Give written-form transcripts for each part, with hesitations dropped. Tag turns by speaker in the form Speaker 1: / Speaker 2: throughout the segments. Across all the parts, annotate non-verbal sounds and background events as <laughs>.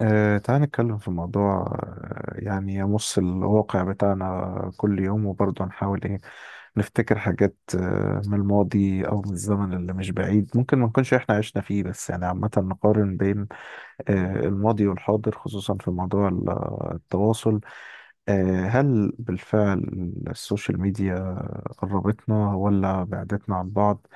Speaker 1: تعال نتكلم في موضوع يعني يمس الواقع بتاعنا كل يوم وبرضه نحاول ايه نفتكر حاجات من الماضي او من الزمن اللي مش بعيد ممكن ما نكونش احنا عشنا فيه، بس يعني عامة نقارن بين الماضي والحاضر، خصوصا في موضوع التواصل. هل بالفعل السوشيال ميديا قربتنا ولا بعدتنا عن بعض؟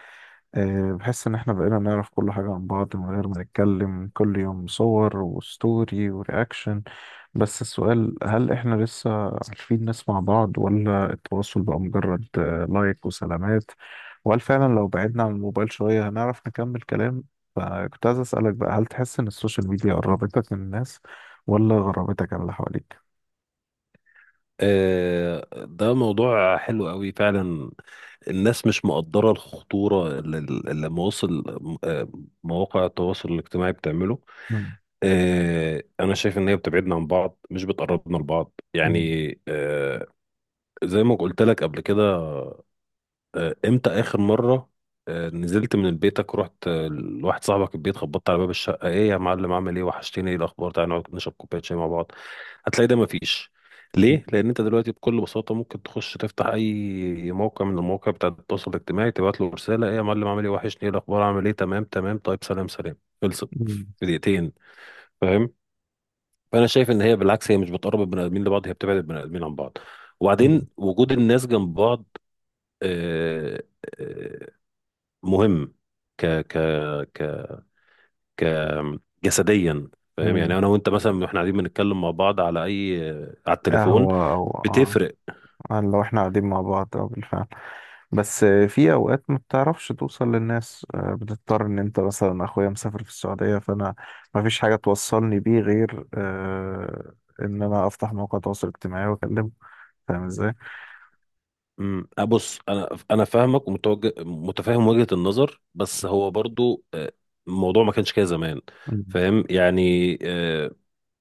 Speaker 1: بحس ان احنا بقينا نعرف كل حاجة عن بعض من غير ما نتكلم كل يوم، صور وستوري ورياكشن. بس السؤال، هل احنا لسه عارفين نسمع بعض، ولا التواصل بقى مجرد لايك وسلامات؟ وهل فعلا لو بعدنا عن الموبايل شوية هنعرف نكمل كلام؟ فكنت عايز اسألك بقى، هل تحس ان السوشيال ميديا قربتك من الناس ولا غربتك عن اللي حواليك؟
Speaker 2: ده موضوع حلو قوي فعلا. الناس مش مقدرة الخطورة اللي مواصل، آه، مواقع التواصل الاجتماعي بتعمله. انا شايف ان هي بتبعدنا عن بعض مش بتقربنا لبعض،
Speaker 1: مم.
Speaker 2: يعني زي ما قلت لك قبل كده. امتى اخر مرة نزلت من بيتك ورحت لواحد صاحبك البيت، خبطت على باب الشقة: ايه يا معلم، عامل ايه، وحشتني، ايه الاخبار، تعالى نقعد نشرب كوباية شاي مع بعض. هتلاقي ده مفيش. ليه؟ لأن أنت دلوقتي بكل بساطة ممكن تخش تفتح أي موقع من المواقع بتاع التواصل الاجتماعي، تبعت له رسالة: إيه يا معلم، عامل إيه، وحشني، إيه الأخبار، عامل إيه، تمام تمام، طيب سلام سلام. خلصت في
Speaker 1: مم.
Speaker 2: دقيقتين. فاهم؟ فأنا شايف إن هي بالعكس، هي مش بتقرب البني آدمين لبعض، هي بتبعد البني آدمين عن بعض. وبعدين
Speaker 1: مم.
Speaker 2: وجود الناس جنب بعض آه، آه، مهم ك ك ك ك جسديا فاهم؟
Speaker 1: مم.
Speaker 2: يعني انا وانت مثلا احنا قاعدين بنتكلم مع بعض على اي على
Speaker 1: اه،
Speaker 2: التليفون،
Speaker 1: هو، اه.
Speaker 2: بتفرق.
Speaker 1: لو احنا قاعدين مع بعض، اه، بالفعل. بس في اوقات ما بتعرفش توصل للناس، بتضطر. ان انت مثلا اخويا مسافر في السعودية، فانا ما فيش حاجة توصلني بيه غير ان انا افتح موقع تواصل اجتماعي واكلمه. فاهم ازاي؟
Speaker 2: بص، انا فاهمك ومتوجه متفاهم وجهة النظر، بس هو برضو الموضوع ما كانش كده زمان.
Speaker 1: مم.
Speaker 2: فاهم؟ يعني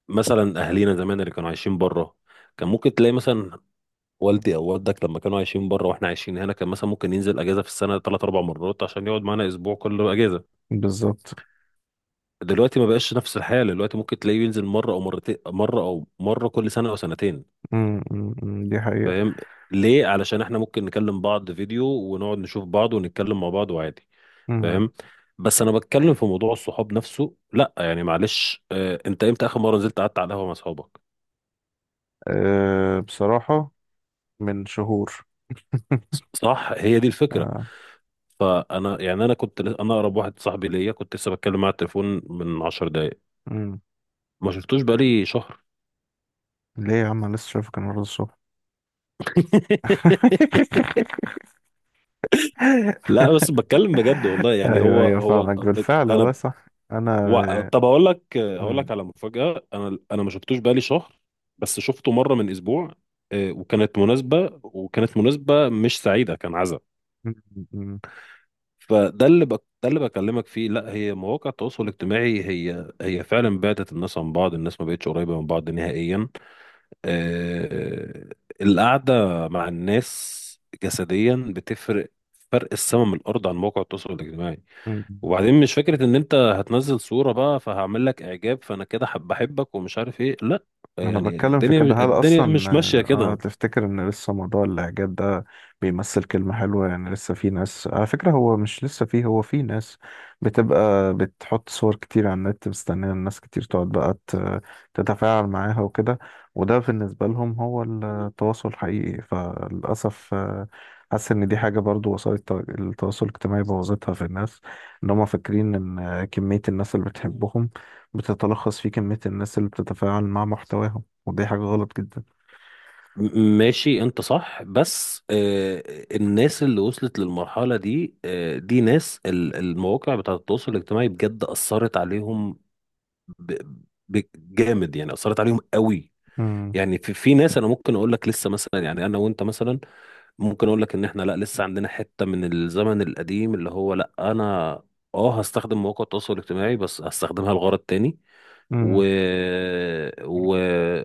Speaker 2: مثلا اهالينا زمان اللي كانوا عايشين بره، كان ممكن تلاقي مثلا والدي او والدك لما كانوا عايشين بره واحنا عايشين هنا، كان مثلا ممكن ينزل اجازه في السنه ثلاث اربع مرات عشان يقعد معانا اسبوع كل اجازه.
Speaker 1: بالظبط.
Speaker 2: دلوقتي ما بقاش نفس الحاله، دلوقتي ممكن تلاقيه ينزل مره او مرتين، مره او مره كل سنه او سنتين.
Speaker 1: مم. مم. مم. دي حقيقة.
Speaker 2: فاهم؟ ليه؟ علشان احنا ممكن نكلم بعض فيديو ونقعد نشوف بعض ونتكلم مع بعض وعادي.
Speaker 1: مم.
Speaker 2: فاهم؟ بس انا بتكلم في موضوع الصحاب نفسه، لا يعني معلش، انت امتى اخر مره نزلت قعدت على القهوه مع اصحابك؟
Speaker 1: أه، بصراحة من شهور. <laughs>
Speaker 2: صح، هي دي الفكره.
Speaker 1: آه.
Speaker 2: فانا يعني انا اقرب واحد صاحبي ليا كنت لسه بتكلم معاه على التليفون من 10 دقائق،
Speaker 1: مم.
Speaker 2: ما شفتوش بقالي شهر.
Speaker 1: ليه يا عم، أنا لسه شايفك النهارده الصبح.
Speaker 2: <laughs>
Speaker 1: <laughs>
Speaker 2: لا بس
Speaker 1: <laughs>
Speaker 2: بتكلم بجد والله، يعني
Speaker 1: ايوه
Speaker 2: هو
Speaker 1: ايوه،
Speaker 2: هو
Speaker 1: فاهمك،
Speaker 2: ب-
Speaker 1: بالفعل والله
Speaker 2: انا
Speaker 1: صح. انا.
Speaker 2: طب هقول لك هقول
Speaker 1: مم.
Speaker 2: لك على مفاجأة، انا ما شفتوش بقالي شهر، بس شفته مرة من اسبوع. وكانت مناسبة مش سعيدة، كان عزا.
Speaker 1: مم. مم.
Speaker 2: ده اللي بكلمك فيه، لا، هي مواقع التواصل الاجتماعي هي فعلا بعدت الناس عن بعض، الناس ما بقتش قريبة من بعض نهائيا. آه... القعدة مع الناس جسديا بتفرق فرق السما من الارض عن موقع التواصل الاجتماعي.
Speaker 1: مم.
Speaker 2: وبعدين مش فكرة ان انت هتنزل صورة بقى فهعمل لك اعجاب، فانا كده حب بحبك ومش عارف ايه، لا،
Speaker 1: انا
Speaker 2: يعني
Speaker 1: بتكلم في كده.
Speaker 2: الدنيا
Speaker 1: هل
Speaker 2: الدنيا
Speaker 1: اصلا،
Speaker 2: مش ماشية
Speaker 1: اه،
Speaker 2: كده.
Speaker 1: تفتكر ان لسه موضوع الاعجاب ده بيمثل كلمة حلوة؟ يعني لسه في ناس، على فكرة، هو مش لسه فيه، هو في ناس بتبقى بتحط صور كتير على النت مستنية الناس كتير تقعد بقى تتفاعل معاها وكده. وده بالنسبة لهم هو التواصل الحقيقي. فللأسف حاسس ان دي حاجة، برضو وسائل التواصل الاجتماعي بوظتها في الناس. ان هم فاكرين ان كمية الناس اللي بتحبهم بتتلخص في كمية الناس اللي بتتفاعل مع محتواهم، ودي حاجة غلط جدا.
Speaker 2: ماشي، انت صح، بس الناس اللي وصلت للمرحلة دي دي ناس المواقع بتاعة التواصل الاجتماعي بجد أثرت عليهم ب- جامد، يعني أثرت عليهم قوي.
Speaker 1: مم.
Speaker 2: يعني في ناس انا ممكن اقول لك لسه مثلا، يعني انا وانت مثلا ممكن اقول لك ان احنا لا لسه عندنا حتة من الزمن القديم، اللي هو لا، انا اه هستخدم مواقع التواصل الاجتماعي بس هستخدمها لغرض تاني
Speaker 1: مم.
Speaker 2: و... و...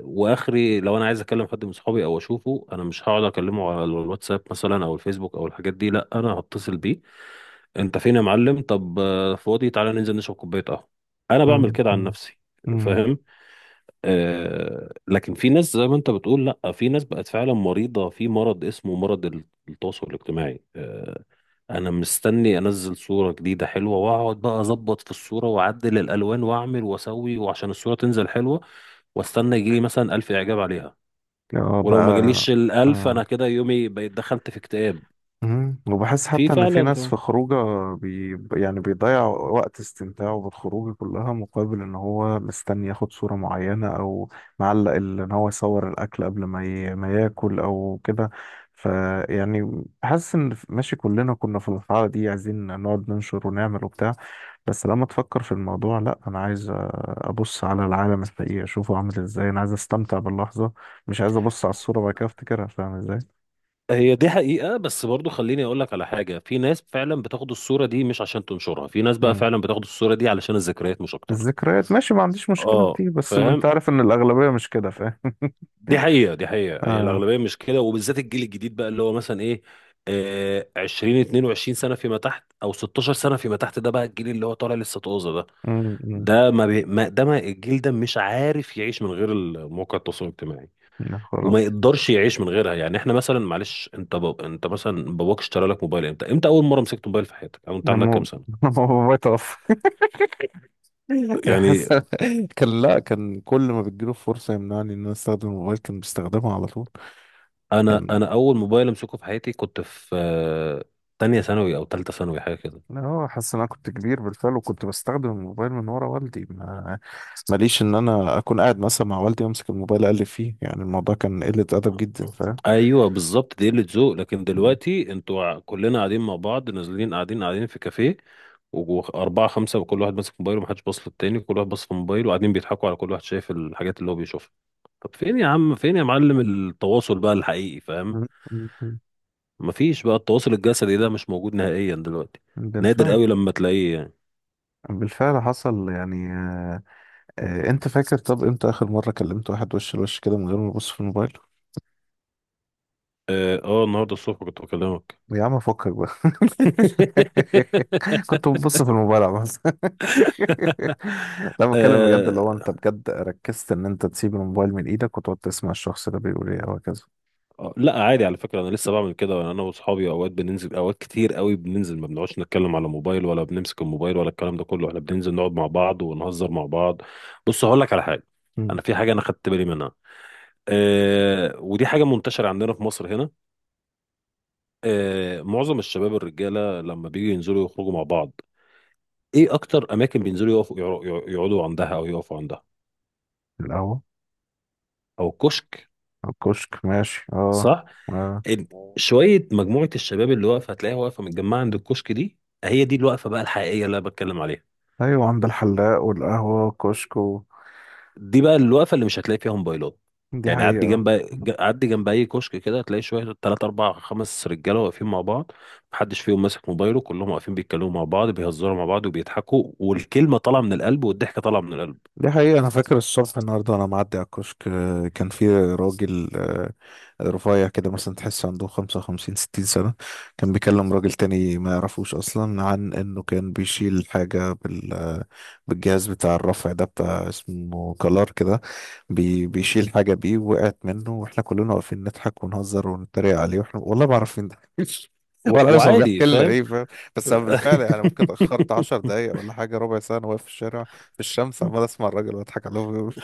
Speaker 2: واخري لو انا عايز اكلم حد من صحابي او اشوفه انا مش هقعد اكلمه على الواتساب مثلا او الفيسبوك او الحاجات دي، لا، انا هتصل بيه: انت فين يا معلم، طب فاضي، تعالى ننزل نشرب كوبايه قهوه. انا بعمل
Speaker 1: مم.
Speaker 2: كده عن
Speaker 1: مم.
Speaker 2: نفسي.
Speaker 1: مم.
Speaker 2: فاهم؟ لكن في ناس زي ما انت بتقول، لا في ناس بقت فعلا مريضة في مرض، اسمه مرض التواصل الاجتماعي. انا مستني انزل صورة جديدة حلوة واقعد بقى اظبط في الصورة واعدل الالوان واعمل واسوي وعشان الصورة تنزل حلوة، واستنى يجيلي مثلا الف اعجاب عليها،
Speaker 1: اه بقى.
Speaker 2: ولو ما جاليش الالف
Speaker 1: آه.
Speaker 2: انا كده يومي بقيت دخلت في اكتئاب.
Speaker 1: مم. وبحس
Speaker 2: في
Speaker 1: حتى إن في
Speaker 2: فعلا،
Speaker 1: ناس في
Speaker 2: فعلاً.
Speaker 1: خروجه يعني بيضيع وقت استمتاعه بالخروج كلها، مقابل إن هو مستني ياخد صورة معينة، أو معلق إن هو يصور الأكل قبل ما ما ياكل أو كده. فيعني حاسس إن، ماشي، كلنا كنا في الحالة دي، عايزين نقعد ننشر ونعمل وبتاع. بس لما تفكر في الموضوع، لا، انا عايز ابص على العالم الحقيقي اشوفه عامل ازاي. انا عايز استمتع باللحظه، مش عايز ابص على الصوره وبعد كده افتكرها. فاهم ازاي؟
Speaker 2: هي دي حقيقة، بس برضو خليني اقول لك على حاجة، في ناس فعلا بتاخد الصورة دي مش عشان تنشرها، في ناس بقى
Speaker 1: مم.
Speaker 2: فعلا بتاخد الصورة دي علشان الذكريات مش اكتر.
Speaker 1: الذكريات ماشي، ما عنديش مشكله في
Speaker 2: اه
Speaker 1: دي، بس انت
Speaker 2: فاهم،
Speaker 1: عارف ان الاغلبيه مش كده، فاهم. <laughs>
Speaker 2: دي حقيقة، دي حقيقة، هي
Speaker 1: اه.
Speaker 2: الأغلبية مش كده، وبالذات الجيل الجديد بقى اللي هو مثلا إيه، آه 20 22 سنة فيما تحت أو 16 سنة فيما تحت، ده بقى الجيل اللي هو طالع لسه طازة ده.
Speaker 1: مم، مم.
Speaker 2: ده ما, بي... ما ده ما الجيل ده مش عارف يعيش من غير مواقع التواصل الاجتماعي،
Speaker 1: يا
Speaker 2: وما
Speaker 1: خرابي.
Speaker 2: يقدرش يعيش من غيرها. يعني احنا مثلا معلش، انت مثلا باباك اشترى لك موبايل امتى؟ امتى اول مره مسكت موبايل في حياتك او
Speaker 1: <laughs>
Speaker 2: انت عندك كام
Speaker 1: لما
Speaker 2: سنه؟
Speaker 1: لما بابايا توفى. <laughs>
Speaker 2: يعني
Speaker 1: الحس كان، لا كان، كل ما بتجيله فرصه يمنعني ان انا استخدم الموبايل، كان بيستخدمه على طول.
Speaker 2: انا
Speaker 1: كان،
Speaker 2: انا اول موبايل امسكه في حياتي كنت في تانية ثانوي او تالتة ثانوي، حاجه كده.
Speaker 1: لا، هو حاسس ان انا كنت كبير بالفعل، وكنت بستخدم الموبايل من ورا والدي. ما ماليش ان انا اكون قاعد مثلا مع والدي امسك الموبايل اقلب فيه. يعني الموضوع كان قلة ادب جدا، فاهم.
Speaker 2: ايوه بالظبط، دي قله ذوق. لكن
Speaker 1: م-
Speaker 2: دلوقتي انتوا كلنا قاعدين مع بعض نازلين قاعدين في كافيه واربعه خمسه، وكل واحد ماسك موبايله ومحدش باص للتاني، كل واحد باص في موبايله وقاعدين بيضحكوا على كل واحد شايف الحاجات اللي هو بيشوفها. طب فين يا عم، فين يا معلم التواصل بقى الحقيقي؟ فاهم؟
Speaker 1: م- م- م.
Speaker 2: مفيش بقى، التواصل الجسدي ده مش موجود نهائيا دلوقتي، نادر
Speaker 1: بالفعل.
Speaker 2: قوي لما تلاقيه يعني.
Speaker 1: بالفعل حصل. يعني انت فاكر، طب امتى اخر مرة كلمت واحد وش لوش كده من غير ما ابص في الموبايل؟
Speaker 2: اه النهارده الصبح كنت بكلمك.
Speaker 1: يا عم فكك بقى. <laughs> كنت
Speaker 2: <laughs>
Speaker 1: ببص في الموبايل بس. <laughs> لا بتكلم بجد، اللي هو
Speaker 2: آه،
Speaker 1: انت بجد ركزت ان انت تسيب الموبايل من ايدك، وتقعد تسمع الشخص ده بيقول ايه وهكذا.
Speaker 2: لا عادي على فكرة، أنا لسه بعمل كده، أنا وأصحابي أوقات بننزل، أوقات كتير قوي بننزل ما بنقعدش نتكلم على موبايل ولا بنمسك الموبايل ولا الكلام ده كله، إحنا بننزل نقعد مع بعض ونهزر مع بعض. بص هقول لك على حاجة،
Speaker 1: مم.
Speaker 2: أنا في حاجة أنا خدت بالي منها، أه ودي حاجة منتشرة عندنا في مصر هنا. أه معظم الشباب الرجالة لما بيجوا ينزلوا يخرجوا مع بعض، إيه أكتر أماكن بينزلوا يقفوا يقعدوا عندها أو يقفوا عندها؟
Speaker 1: القهوة.
Speaker 2: أو كشك.
Speaker 1: الكشك ماشي، اه. اه.
Speaker 2: ال- شوية مجموعة الشباب اللي واقفة هتلاقيها واقفة متجمعة عند الكشك دي، هي دي الوقفة بقى الحقيقية اللي أنا بتكلم عليها.
Speaker 1: ايوه، عند الحلاق والقهوة والكشك و...
Speaker 2: دي بقى الوقفة اللي مش هتلاقي فيها موبايلات.
Speaker 1: دي
Speaker 2: يعني عدي
Speaker 1: حقيقة.
Speaker 2: جنب عدي جنب أي كشك كده هتلاقي شوية تلات أربع خمس رجالة واقفين مع بعض، محدش فيهم ماسك موبايله، كلهم واقفين بيتكلموا مع بعض بيهزروا مع بعض وبيضحكوا، والكلمة طالعة من القلب والضحكة طالعة من القلب.
Speaker 1: دي حقيقة. أنا فاكر الصبح النهاردة وأنا معدي على الكشك، كان في راجل رفيع كده، مثلا تحس عنده 55 60 سنة. كان بيكلم راجل تاني ما يعرفوش أصلا، عن إنه كان بيشيل حاجة بالجهاز بتاع الرفع ده، بتاع اسمه كلار كده. بيشيل حاجة بيه وقعت منه، وإحنا كلنا واقفين نضحك ونهزر ونتريق عليه، وإحنا والله ما عارفين ده <laughs> ولا عارف هو
Speaker 2: وعادي،
Speaker 1: بيحكي لنا
Speaker 2: فاهم؟
Speaker 1: إيه، فاهم. بس أنا بالفعل يعني، ممكن اتأخرت 10 دقايق
Speaker 2: <laughs>
Speaker 1: ولا حاجة، ربع ساعة أنا واقف في الشارع في الشمس، عمال أسمع الراجل وأضحك عليه، وهو بيقول-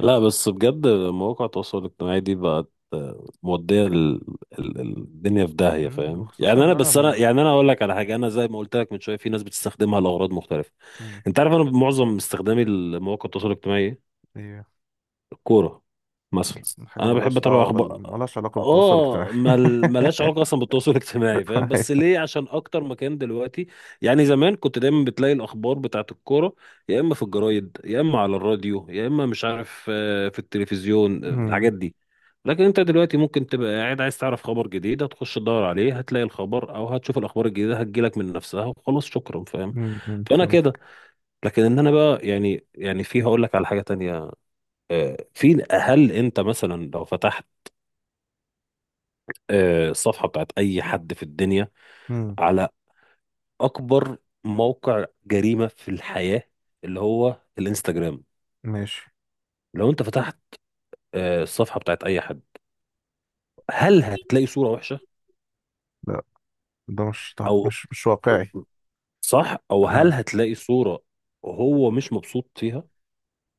Speaker 2: لا بس بجد مواقع التواصل الاجتماعي دي بقت مودية الدنيا في داهية،
Speaker 1: مم،
Speaker 2: فاهم؟
Speaker 1: وخصوصا
Speaker 2: يعني انا
Speaker 1: إن أنا
Speaker 2: بس انا
Speaker 1: ما.
Speaker 2: يعني انا اقول لك على حاجة، انا زي ما قلت لك من شوية في ناس بتستخدمها لأغراض مختلفة.
Speaker 1: مم،
Speaker 2: انت عارف انا معظم استخدامي لمواقع التواصل الاجتماعي إيه؟
Speaker 1: إيه،
Speaker 2: كورة مثلا،
Speaker 1: حاجة
Speaker 2: انا بحب
Speaker 1: ملهاش
Speaker 2: اتابع
Speaker 1: دعوة
Speaker 2: اخبار.
Speaker 1: ملهاش علاقة بالتواصل الاجتماعي.
Speaker 2: اه ملهاش علاقة اصلا بالتواصل <laughs> الاجتماعي، فاهم؟ بس
Speaker 1: <laughs>
Speaker 2: ليه؟ عشان اكتر مكان دلوقتي. يعني زمان كنت دايما بتلاقي الاخبار بتاعت الكورة يا اما في الجرايد يا اما على الراديو يا اما مش عارف في التلفزيون،
Speaker 1: أمم،
Speaker 2: الحاجات دي، لكن انت دلوقتي ممكن تبقى قاعد عايز تعرف خبر جديد هتخش تدور عليه هتلاقي الخبر، او هتشوف الاخبار الجديدة هتجيلك من نفسها وخلاص، شكرا، فاهم؟
Speaker 1: أمم، أمم،
Speaker 2: فانا
Speaker 1: فهمت.
Speaker 2: كده. لكن ان انا بقى يعني يعني في هقول لك على حاجة تانية، في، هل انت مثلا لو فتحت الصفحه بتاعت اي حد في الدنيا
Speaker 1: أمم،
Speaker 2: على اكبر موقع جريمه في الحياه اللي هو الانستجرام،
Speaker 1: ماشي.
Speaker 2: لو انت فتحت الصفحه بتاعت اي حد هل هتلاقي صوره وحشه
Speaker 1: لا، ده مش
Speaker 2: او،
Speaker 1: مش واقعي.
Speaker 2: صح، او هل
Speaker 1: اه،
Speaker 2: هتلاقي صوره هو مش مبسوط فيها؟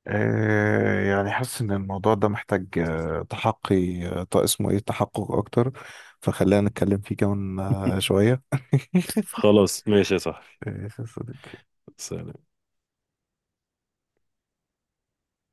Speaker 1: يعني حاسس ان الموضوع ده محتاج، اسمه ايه، تحقق اكتر. فخلينا نتكلم فيه كمان
Speaker 2: <laughs>
Speaker 1: شوية. <laughs>
Speaker 2: خلاص ماشي يا صاحبي،
Speaker 1: آه،
Speaker 2: سلام.